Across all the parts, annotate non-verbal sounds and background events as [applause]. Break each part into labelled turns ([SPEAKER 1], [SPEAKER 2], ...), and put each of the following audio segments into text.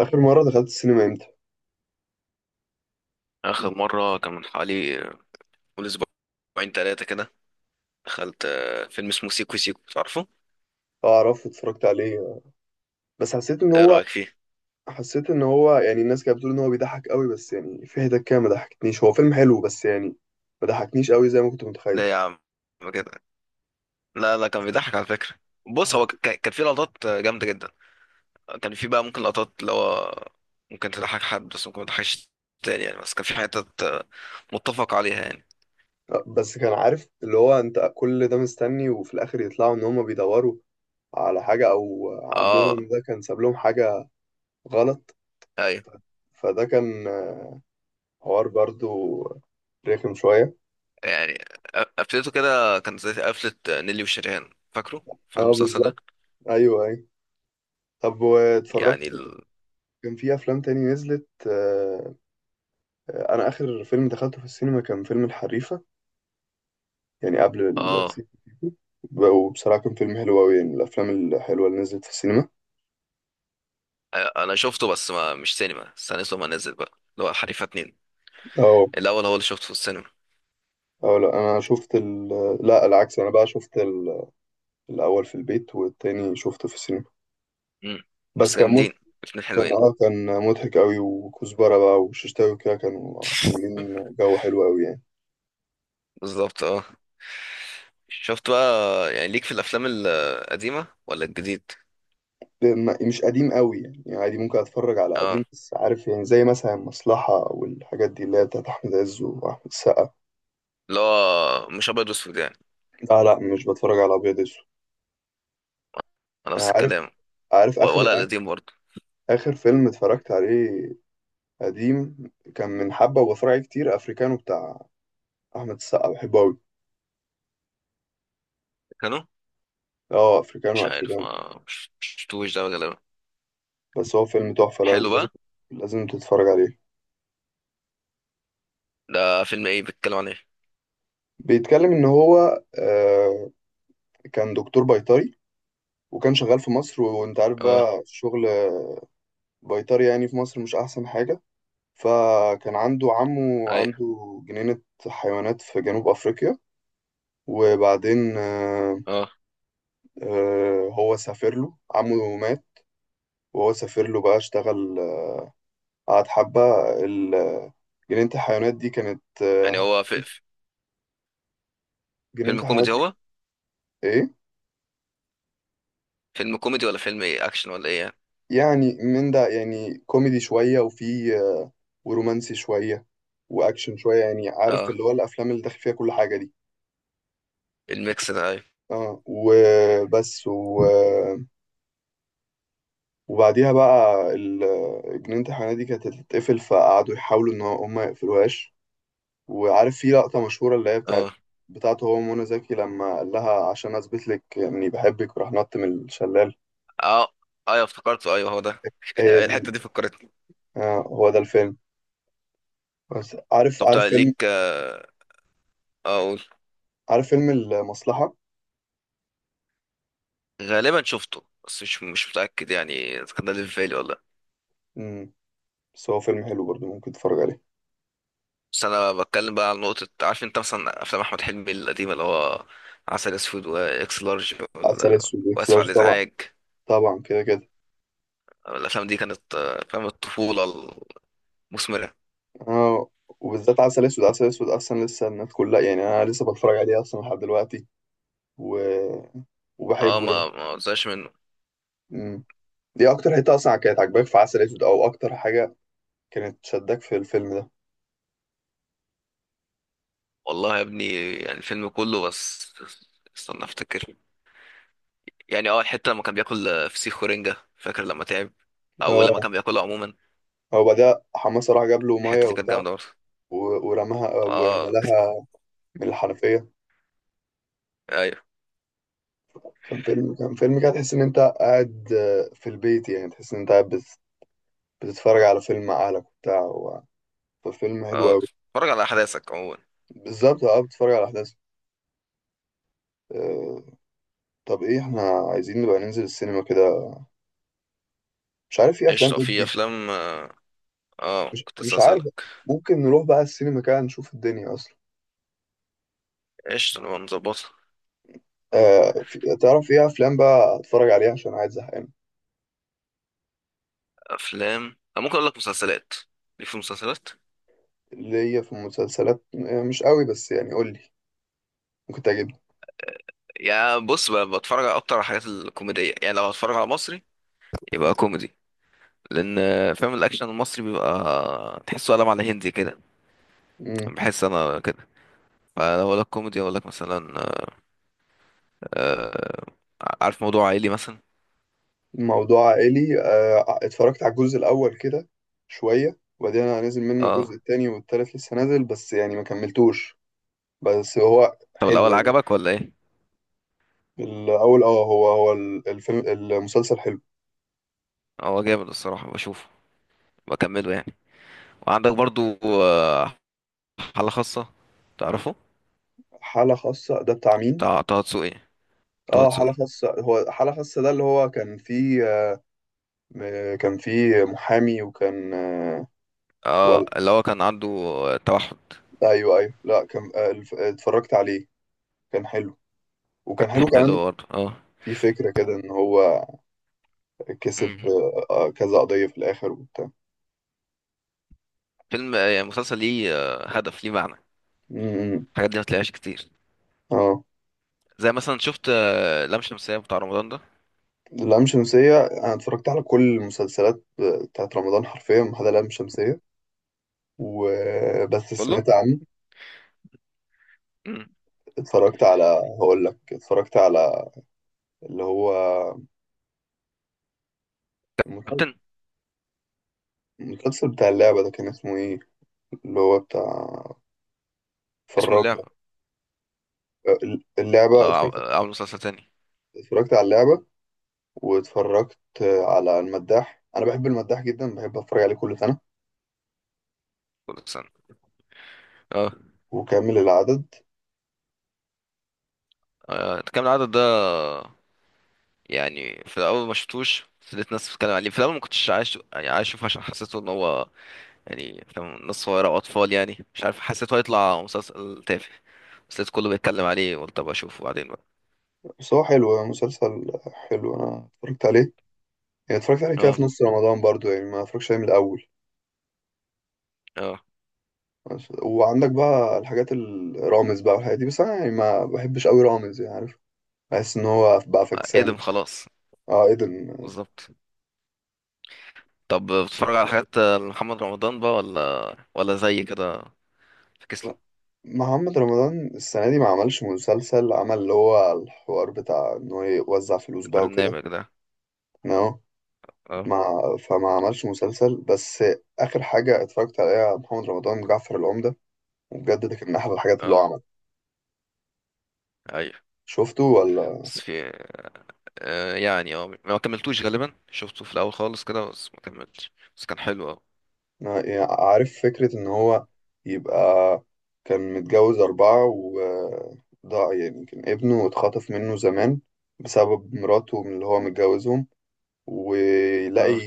[SPEAKER 1] اخر مره دخلت السينما امتى؟
[SPEAKER 2] آخر مرة كان من حوالي من أسبوعين تلاتة كده. دخلت فيلم اسمه سيكو سيكو، تعرفه؟
[SPEAKER 1] اعرف، اتفرجت عليه. بس حسيت ان
[SPEAKER 2] إيه
[SPEAKER 1] هو
[SPEAKER 2] رأيك فيه؟
[SPEAKER 1] حسيت ان هو يعني الناس كانت بتقول ان هو بيضحك قوي، بس يعني في حتت كده ما ضحكتنيش. هو فيلم حلو بس يعني ما ضحكنيش قوي زي ما كنت متخيل.
[SPEAKER 2] لا يا عم كده. لا كان بيضحك على فكرة. بص هو
[SPEAKER 1] حت-
[SPEAKER 2] كان فيه لقطات جامدة جدا. كان فيه بقى ممكن لقطات اللي هو ممكن تضحك حد بس ممكن ما تضحكش تاني يعني. بس كان في حتت متفق عليها يعني.
[SPEAKER 1] بس كان عارف اللي هو انت كل ده مستني، وفي الاخر يطلعوا ان هم بيدوروا على حاجه، او
[SPEAKER 2] اه
[SPEAKER 1] عمهم ده كان ساب لهم حاجه غلط.
[SPEAKER 2] ايوه.
[SPEAKER 1] فده كان حوار برضو رخم شويه.
[SPEAKER 2] يعني قفلته كده كانت زي قفلة نيلي وشريهان، فاكره؟ فاكر
[SPEAKER 1] اه،
[SPEAKER 2] المسلسل
[SPEAKER 1] بالظبط.
[SPEAKER 2] ده؟
[SPEAKER 1] ايوه ايوه. طب
[SPEAKER 2] يعني
[SPEAKER 1] واتفرجت؟
[SPEAKER 2] ال...
[SPEAKER 1] كان في افلام تاني نزلت، انا اخر فيلم دخلته في السينما كان فيلم الحريفه، يعني قبل
[SPEAKER 2] اه.
[SPEAKER 1] السيكو سيكو. وبصراحه كان فيلم حلو قوي، يعني من الافلام الحلوه اللي نزلت في السينما.
[SPEAKER 2] انا شفته بس ما مش سينما، استنيته ما نزل بقى، اللي هو حريفه اتنين.
[SPEAKER 1] اه.
[SPEAKER 2] الاول هو اللي شفته في السينما.
[SPEAKER 1] اه، لا انا شفت لا العكس، انا بقى شفت الاول في البيت والتاني شفته في السينما.
[SPEAKER 2] امم،
[SPEAKER 1] بس
[SPEAKER 2] بس
[SPEAKER 1] كان مت...
[SPEAKER 2] جامدين الاتنين،
[SPEAKER 1] كان
[SPEAKER 2] حلوين.
[SPEAKER 1] اه كان مضحك قوي، وكزبره بقى وششتاوي وكده كانوا عاملين جو حلو قوي يعني.
[SPEAKER 2] بالظبط اه. شفت بقى، يعني ليك في الافلام القديمه ولا الجديد؟
[SPEAKER 1] مش قديم قوي يعني، يعني عادي ممكن اتفرج على
[SPEAKER 2] اه،
[SPEAKER 1] قديم، بس عارف يعني زي مثلا المصلحه والحاجات دي اللي هي بتاعت احمد عز واحمد السقا.
[SPEAKER 2] اللي هو مش ابيض واسود يعني؟
[SPEAKER 1] لا لا، مش بتفرج على ابيض اسود.
[SPEAKER 2] نفس
[SPEAKER 1] عارف
[SPEAKER 2] الكلام.
[SPEAKER 1] عارف اخر
[SPEAKER 2] ولا القديم برضه؟
[SPEAKER 1] اخر فيلم اتفرجت عليه قديم، كان من حبه وبتفرج عليه كتير، افريكانو بتاع احمد السقا، بحبه قوي.
[SPEAKER 2] كانوا
[SPEAKER 1] اه، افريكانو
[SPEAKER 2] مش عارف
[SPEAKER 1] افريكانو.
[SPEAKER 2] ما مش شفتوش ده غالبا.
[SPEAKER 1] بس هو فيلم تحفه،
[SPEAKER 2] حلو
[SPEAKER 1] لازم
[SPEAKER 2] بقى.
[SPEAKER 1] لازم تتفرج عليه.
[SPEAKER 2] ده فيلم ايه، بيتكلم عن ايه؟
[SPEAKER 1] بيتكلم ان هو كان دكتور بيطري، وكان شغال في مصر، وانت عارف
[SPEAKER 2] اه.
[SPEAKER 1] بقى شغل بيطري يعني في مصر مش احسن حاجه. فكان عنده عمه،
[SPEAKER 2] اي.
[SPEAKER 1] عنده جنينه حيوانات في جنوب افريقيا. وبعدين
[SPEAKER 2] اه.
[SPEAKER 1] هو سافر، له عمه مات، وهو سافر له بقى اشتغل، قعد حبة. ال- جنينة الحيوانات دي كانت،
[SPEAKER 2] يعني هو
[SPEAKER 1] جنينة
[SPEAKER 2] فيلم
[SPEAKER 1] الحيوانات
[SPEAKER 2] كوميدي
[SPEAKER 1] دي.
[SPEAKER 2] هو؟
[SPEAKER 1] ايه؟
[SPEAKER 2] فيلم كوميدي ولا فيلم ايه اكشن ولا ايه يعني؟
[SPEAKER 1] يعني من ده، يعني كوميدي شوية وفي ورومانسي شوية وأكشن شوية، يعني عارف
[SPEAKER 2] اه،
[SPEAKER 1] اللي هو الأفلام اللي داخل فيها كل حاجة دي.
[SPEAKER 2] الميكس ده، ايوه.
[SPEAKER 1] اه، وبس وبعديها بقى جنينة الحيوانات دي كانت هتتقفل، فقعدوا يحاولوا إن هم ما يقفلوهاش. وعارف في لقطة مشهورة اللي هي بتاعت
[SPEAKER 2] اه
[SPEAKER 1] بتاعته، هو ومنى زكي، لما قال لها عشان أثبت لك إني بحبك وراح نط من الشلال.
[SPEAKER 2] اه ايوه افتكرته، ايوه هو ده. [laughs]
[SPEAKER 1] هي دي،
[SPEAKER 2] الحتة دي فكرتني.
[SPEAKER 1] آه هو ده الفيلم. بس عارف،
[SPEAKER 2] طب تعال ليك اه، اقول.
[SPEAKER 1] عارف فيلم المصلحة.
[SPEAKER 2] غالبا شفته بس مش متأكد يعني اذا كان ده اللي في بالي ولا لأ.
[SPEAKER 1] مم. بس هو فيلم حلو برضه، ممكن تتفرج عليه.
[SPEAKER 2] بس انا بتكلم بقى على نقطة. عارف انت مثلا افلام احمد حلمي القديمة، اللي هو عسل اسود واكس لارج
[SPEAKER 1] عسل أسود وإكس
[SPEAKER 2] واسف على
[SPEAKER 1] لارج طبعا.
[SPEAKER 2] الازعاج،
[SPEAKER 1] طبعا كده كده.
[SPEAKER 2] الافلام دي كانت افلام الطفولة المثمرة.
[SPEAKER 1] آه. وبالذات عسل أسود، عسل أسود أصلا لسه الناس كلها، يعني أنا لسه بتفرج عليه أصلا لحد دلوقتي و...
[SPEAKER 2] اه
[SPEAKER 1] وبحبه يعني.
[SPEAKER 2] ما زهقش منه.
[SPEAKER 1] مم. دي أكتر حتة أصلا كانت عاجباك في عسل أسود، أو أكتر حاجة كانت شدك في الفيلم ده؟
[SPEAKER 2] والله يا ابني، يعني الفيلم كله، بس استنى افتكر. يعني اه الحته لما كان بياكل فسيخ ورنجه، فاكر لما تعب او لما كان
[SPEAKER 1] اه،
[SPEAKER 2] بياكلها عموما.
[SPEAKER 1] هو بعدها حماسة راح جاب له مية
[SPEAKER 2] الحته دي كانت
[SPEAKER 1] وبتاع،
[SPEAKER 2] جامده برضه.
[SPEAKER 1] ورماها
[SPEAKER 2] اه
[SPEAKER 1] وملاها من الحنفية.
[SPEAKER 2] ايوه
[SPEAKER 1] كان فيلم كده تحس إن أنت قاعد، في البيت، يعني تحس إن أنت قاعد بتتفرج على فيلم مع أهلك وبتاع، ففيلم حلو
[SPEAKER 2] اه.
[SPEAKER 1] أوي.
[SPEAKER 2] اتفرج على احداثك عموما.
[SPEAKER 1] بالظبط، أه، بتتفرج على أحداث. آه، طب إيه إحنا عايزين نبقى ننزل السينما كده، مش عارف في أفلام
[SPEAKER 2] قشطه.
[SPEAKER 1] إيه
[SPEAKER 2] في
[SPEAKER 1] جديد.
[SPEAKER 2] افلام اه، كنت لسه
[SPEAKER 1] مش عارف.
[SPEAKER 2] اسالك.
[SPEAKER 1] ممكن نروح بقى السينما كده نشوف الدنيا أصلا.
[SPEAKER 2] قشطه نبقى نظبطها.
[SPEAKER 1] تعرف إيه أفلام بقى أتفرج عليها عشان قاعد زهقان؟
[SPEAKER 2] افلام، أنا ممكن اقول لك مسلسلات، ليه؟ في مسلسلات.
[SPEAKER 1] اللي هي في المسلسلات مش قوي، بس يعني قول لي، ممكن تعجبني.
[SPEAKER 2] يا بص بتفرج على اكتر على الحاجات الكوميديه. يعني لو هتفرج على مصري يبقى كوميدي، لان فاهم الاكشن المصري بيبقى تحسه قلم على هندي كده.
[SPEAKER 1] مم.
[SPEAKER 2] بحس انا كده. فلو اقول لك كوميدي اقول لك مثلا آه، عارف موضوع عائلي مثلا.
[SPEAKER 1] موضوع عائلي، اتفرجت على الجزء الأول كده شوية، وبعدين أنا نازل منه، الجزء
[SPEAKER 2] اه.
[SPEAKER 1] التاني والتالت لسه نازل بس يعني ما كملتوش. بس هو
[SPEAKER 2] طب
[SPEAKER 1] حلو
[SPEAKER 2] الاول
[SPEAKER 1] يعني.
[SPEAKER 2] عجبك ولا ايه؟
[SPEAKER 1] الأول اه، هو الفيلم المسلسل حلو.
[SPEAKER 2] هو جامد الصراحه، بشوفه بكمله يعني. وعندك برضو آه حاله خاصه، تعرفه؟
[SPEAKER 1] حالة خاصة ده بتاع مين؟
[SPEAKER 2] بتاع طه دسوقي. طه
[SPEAKER 1] اه، حالة
[SPEAKER 2] دسوقي.
[SPEAKER 1] خاصة، هو حالة خاصة ده اللي هو كان فيه، كان فيه محامي وكان،
[SPEAKER 2] اه
[SPEAKER 1] ولا.
[SPEAKER 2] اللي هو كان عنده توحد.
[SPEAKER 1] أيوه أيوه، لا كان، اتفرجت عليه. كان حلو،
[SPEAKER 2] كان
[SPEAKER 1] وكان حلو كمان.
[SPEAKER 2] حلو برضه اه.
[SPEAKER 1] في فكرة كده إن هو كسب،
[SPEAKER 2] مم.
[SPEAKER 1] كذا قضية في الآخر وبتاع.
[SPEAKER 2] فيلم يعني مسلسل ليه هدف، ليه معنى.
[SPEAKER 1] امم.
[SPEAKER 2] الحاجات دي ما تلاقيهاش كتير.
[SPEAKER 1] اه.
[SPEAKER 2] زي مثلا، شفت لام شمسية بتاع رمضان ده؟
[SPEAKER 1] اللام شمسية أنا اتفرجت على كل المسلسلات بتاعت رمضان حرفيا ما عدا لام شمسية، وبس
[SPEAKER 2] كله.
[SPEAKER 1] سمعت عنه.
[SPEAKER 2] مم.
[SPEAKER 1] اتفرجت على، هقول لك اتفرجت على اللي هو المسل-
[SPEAKER 2] كابتن.
[SPEAKER 1] المسلسل بتاع اللعبة ده، كان اسمه ايه؟ اللي هو بتاع،
[SPEAKER 2] اسمه
[SPEAKER 1] اتفرجت،
[SPEAKER 2] اللعبة؟
[SPEAKER 1] اللعبة،
[SPEAKER 2] ولا
[SPEAKER 1] اتفرجت
[SPEAKER 2] عامل مسلسل تاني؟
[SPEAKER 1] اتفرجت على اللعبة، واتفرجت على المداح. انا بحب المداح جدا، بحب اتفرج عليه كل سنة،
[SPEAKER 2] كل سنة اه.
[SPEAKER 1] وكامل العدد.
[SPEAKER 2] كام العدد ده؟ يعني في الاول ما شفتوش، بس لقيت ناس بتتكلم عليه. في الاول ما كنتش عايز، يعني عايز اشوفه، عشان حسيته ان هو يعني، فاهم، ناس صغيره واطفال، يعني مش عارف، حسيته هيطلع مسلسل تافه. بس لقيت كله بيتكلم عليه، قلت ابقى اشوفه بعدين بقى.
[SPEAKER 1] بس هو حلو، مسلسل حلو، انا اتفرجت عليه. يعني اتفرجت عليه كده
[SPEAKER 2] اه
[SPEAKER 1] في نص رمضان برضو، يعني ما اتفرجش عليه من الاول.
[SPEAKER 2] اه.
[SPEAKER 1] وعندك بقى الحاجات الرامز بقى والحاجات دي، بس انا يعني ما بحبش قوي رامز، يعني عارف، بحس ان هو بقى
[SPEAKER 2] ادم
[SPEAKER 1] فكسان.
[SPEAKER 2] خلاص.
[SPEAKER 1] اه، ايه ده
[SPEAKER 2] بالظبط. طب بتتفرج على حاجات محمد رمضان بقى ولا زي كده؟ فكس له
[SPEAKER 1] محمد رمضان السنه دي ما عملش مسلسل. عمل اللي هو الحوار بتاع ان هو يوزع فلوس بقى وكده.
[SPEAKER 2] البرنامج ده.
[SPEAKER 1] نو،
[SPEAKER 2] اه.
[SPEAKER 1] ما فما عملش مسلسل، بس اخر حاجه اتفرجت عليها محمد رمضان جعفر العمده، وبجد ده كان من احلى الحاجات اللي هو
[SPEAKER 2] اه
[SPEAKER 1] عملها.
[SPEAKER 2] ايوه.
[SPEAKER 1] شفته ولا؟
[SPEAKER 2] بس في آه يعني اه، ما كملتوش غالبا، شفته في الاول خالص كده بس ما كملتش، بس كان حلو اه.
[SPEAKER 1] أنا يعني عارف فكرة إن هو يبقى كان متجوز أربعة وضاع، يعني كان ابنه اتخطف منه زمان بسبب مراته من اللي هو متجوزهم. ويلاقي،
[SPEAKER 2] اه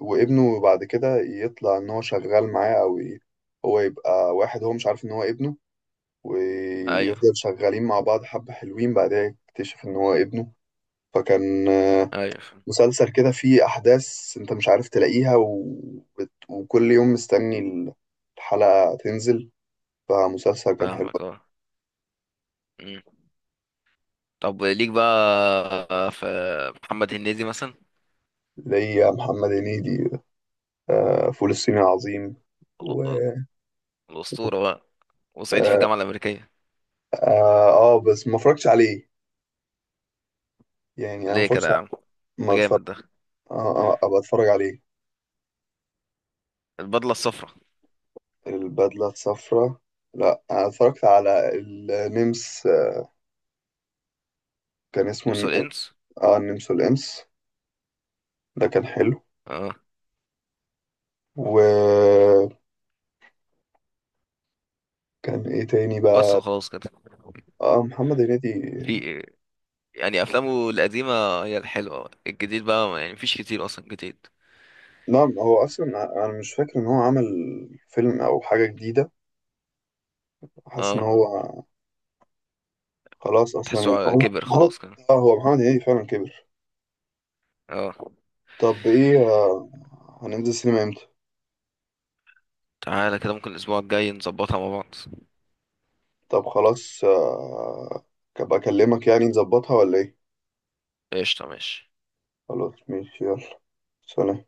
[SPEAKER 1] وابنه بعد كده يطلع إن هو شغال معاه، هو يبقى واحد هو مش عارف إن هو ابنه.
[SPEAKER 2] ايوه
[SPEAKER 1] ويفضل شغالين مع بعض حبة حلوين، بعدها يكتشف إن هو ابنه. فكان
[SPEAKER 2] ايوه.
[SPEAKER 1] مسلسل كده فيه أحداث أنت مش عارف تلاقيها، وكل يوم مستني الحلقة تنزل. فمسلسل كان حلو.
[SPEAKER 2] فاهمك اه. مم. طب ليك بقى في محمد هنيدي مثلا؟
[SPEAKER 1] ليا محمد هنيدي، فول الصين العظيم و،
[SPEAKER 2] ال- الاسطوره بقى، وصعيدي في
[SPEAKER 1] آه,
[SPEAKER 2] الجامعه الامريكيه.
[SPEAKER 1] آه, آه بس ما اتفرجتش عليه، يعني أنا
[SPEAKER 2] ليه كده يا عم؟
[SPEAKER 1] ما
[SPEAKER 2] ده
[SPEAKER 1] اتفرج.
[SPEAKER 2] جامد ده.
[SPEAKER 1] آه, آه أبقى أتفرج عليه.
[SPEAKER 2] البدله الصفراء.
[SPEAKER 1] البدلة الصفراء، لا أنا اتفرجت على النمس، كان اسمه
[SPEAKER 2] نمس
[SPEAKER 1] الن-
[SPEAKER 2] والانس
[SPEAKER 1] آه النمس والإمس، ده كان حلو.
[SPEAKER 2] اه.
[SPEAKER 1] وكان إيه تاني
[SPEAKER 2] بس
[SPEAKER 1] بقى.
[SPEAKER 2] وخلاص كده؟
[SPEAKER 1] اه، محمد هنيدي.
[SPEAKER 2] في يعني افلامه القديمه هي الحلوه، الجديد بقى يعني مفيش كتير اصلا جديد.
[SPEAKER 1] نعم، هو اصلا انا مش فاكر ان هو عمل فيلم او حاجه جديده. حاسس ان
[SPEAKER 2] اه،
[SPEAKER 1] هو خلاص اصلا، يعني
[SPEAKER 2] تحسه
[SPEAKER 1] هو
[SPEAKER 2] كبر
[SPEAKER 1] محمد
[SPEAKER 2] خلاص كده.
[SPEAKER 1] اه، هو محمد هنيدي فعلا كبر.
[SPEAKER 2] اه.
[SPEAKER 1] طب ايه، هننزل سينما امتى؟
[SPEAKER 2] تعالى كده ممكن الأسبوع الجاي نظبطها مع بعض.
[SPEAKER 1] طب خلاص، ابقى اكلمك يعني نظبطها ولا ايه؟
[SPEAKER 2] قشطة، ماشي.
[SPEAKER 1] خلاص، ماشي، يلا، سلام.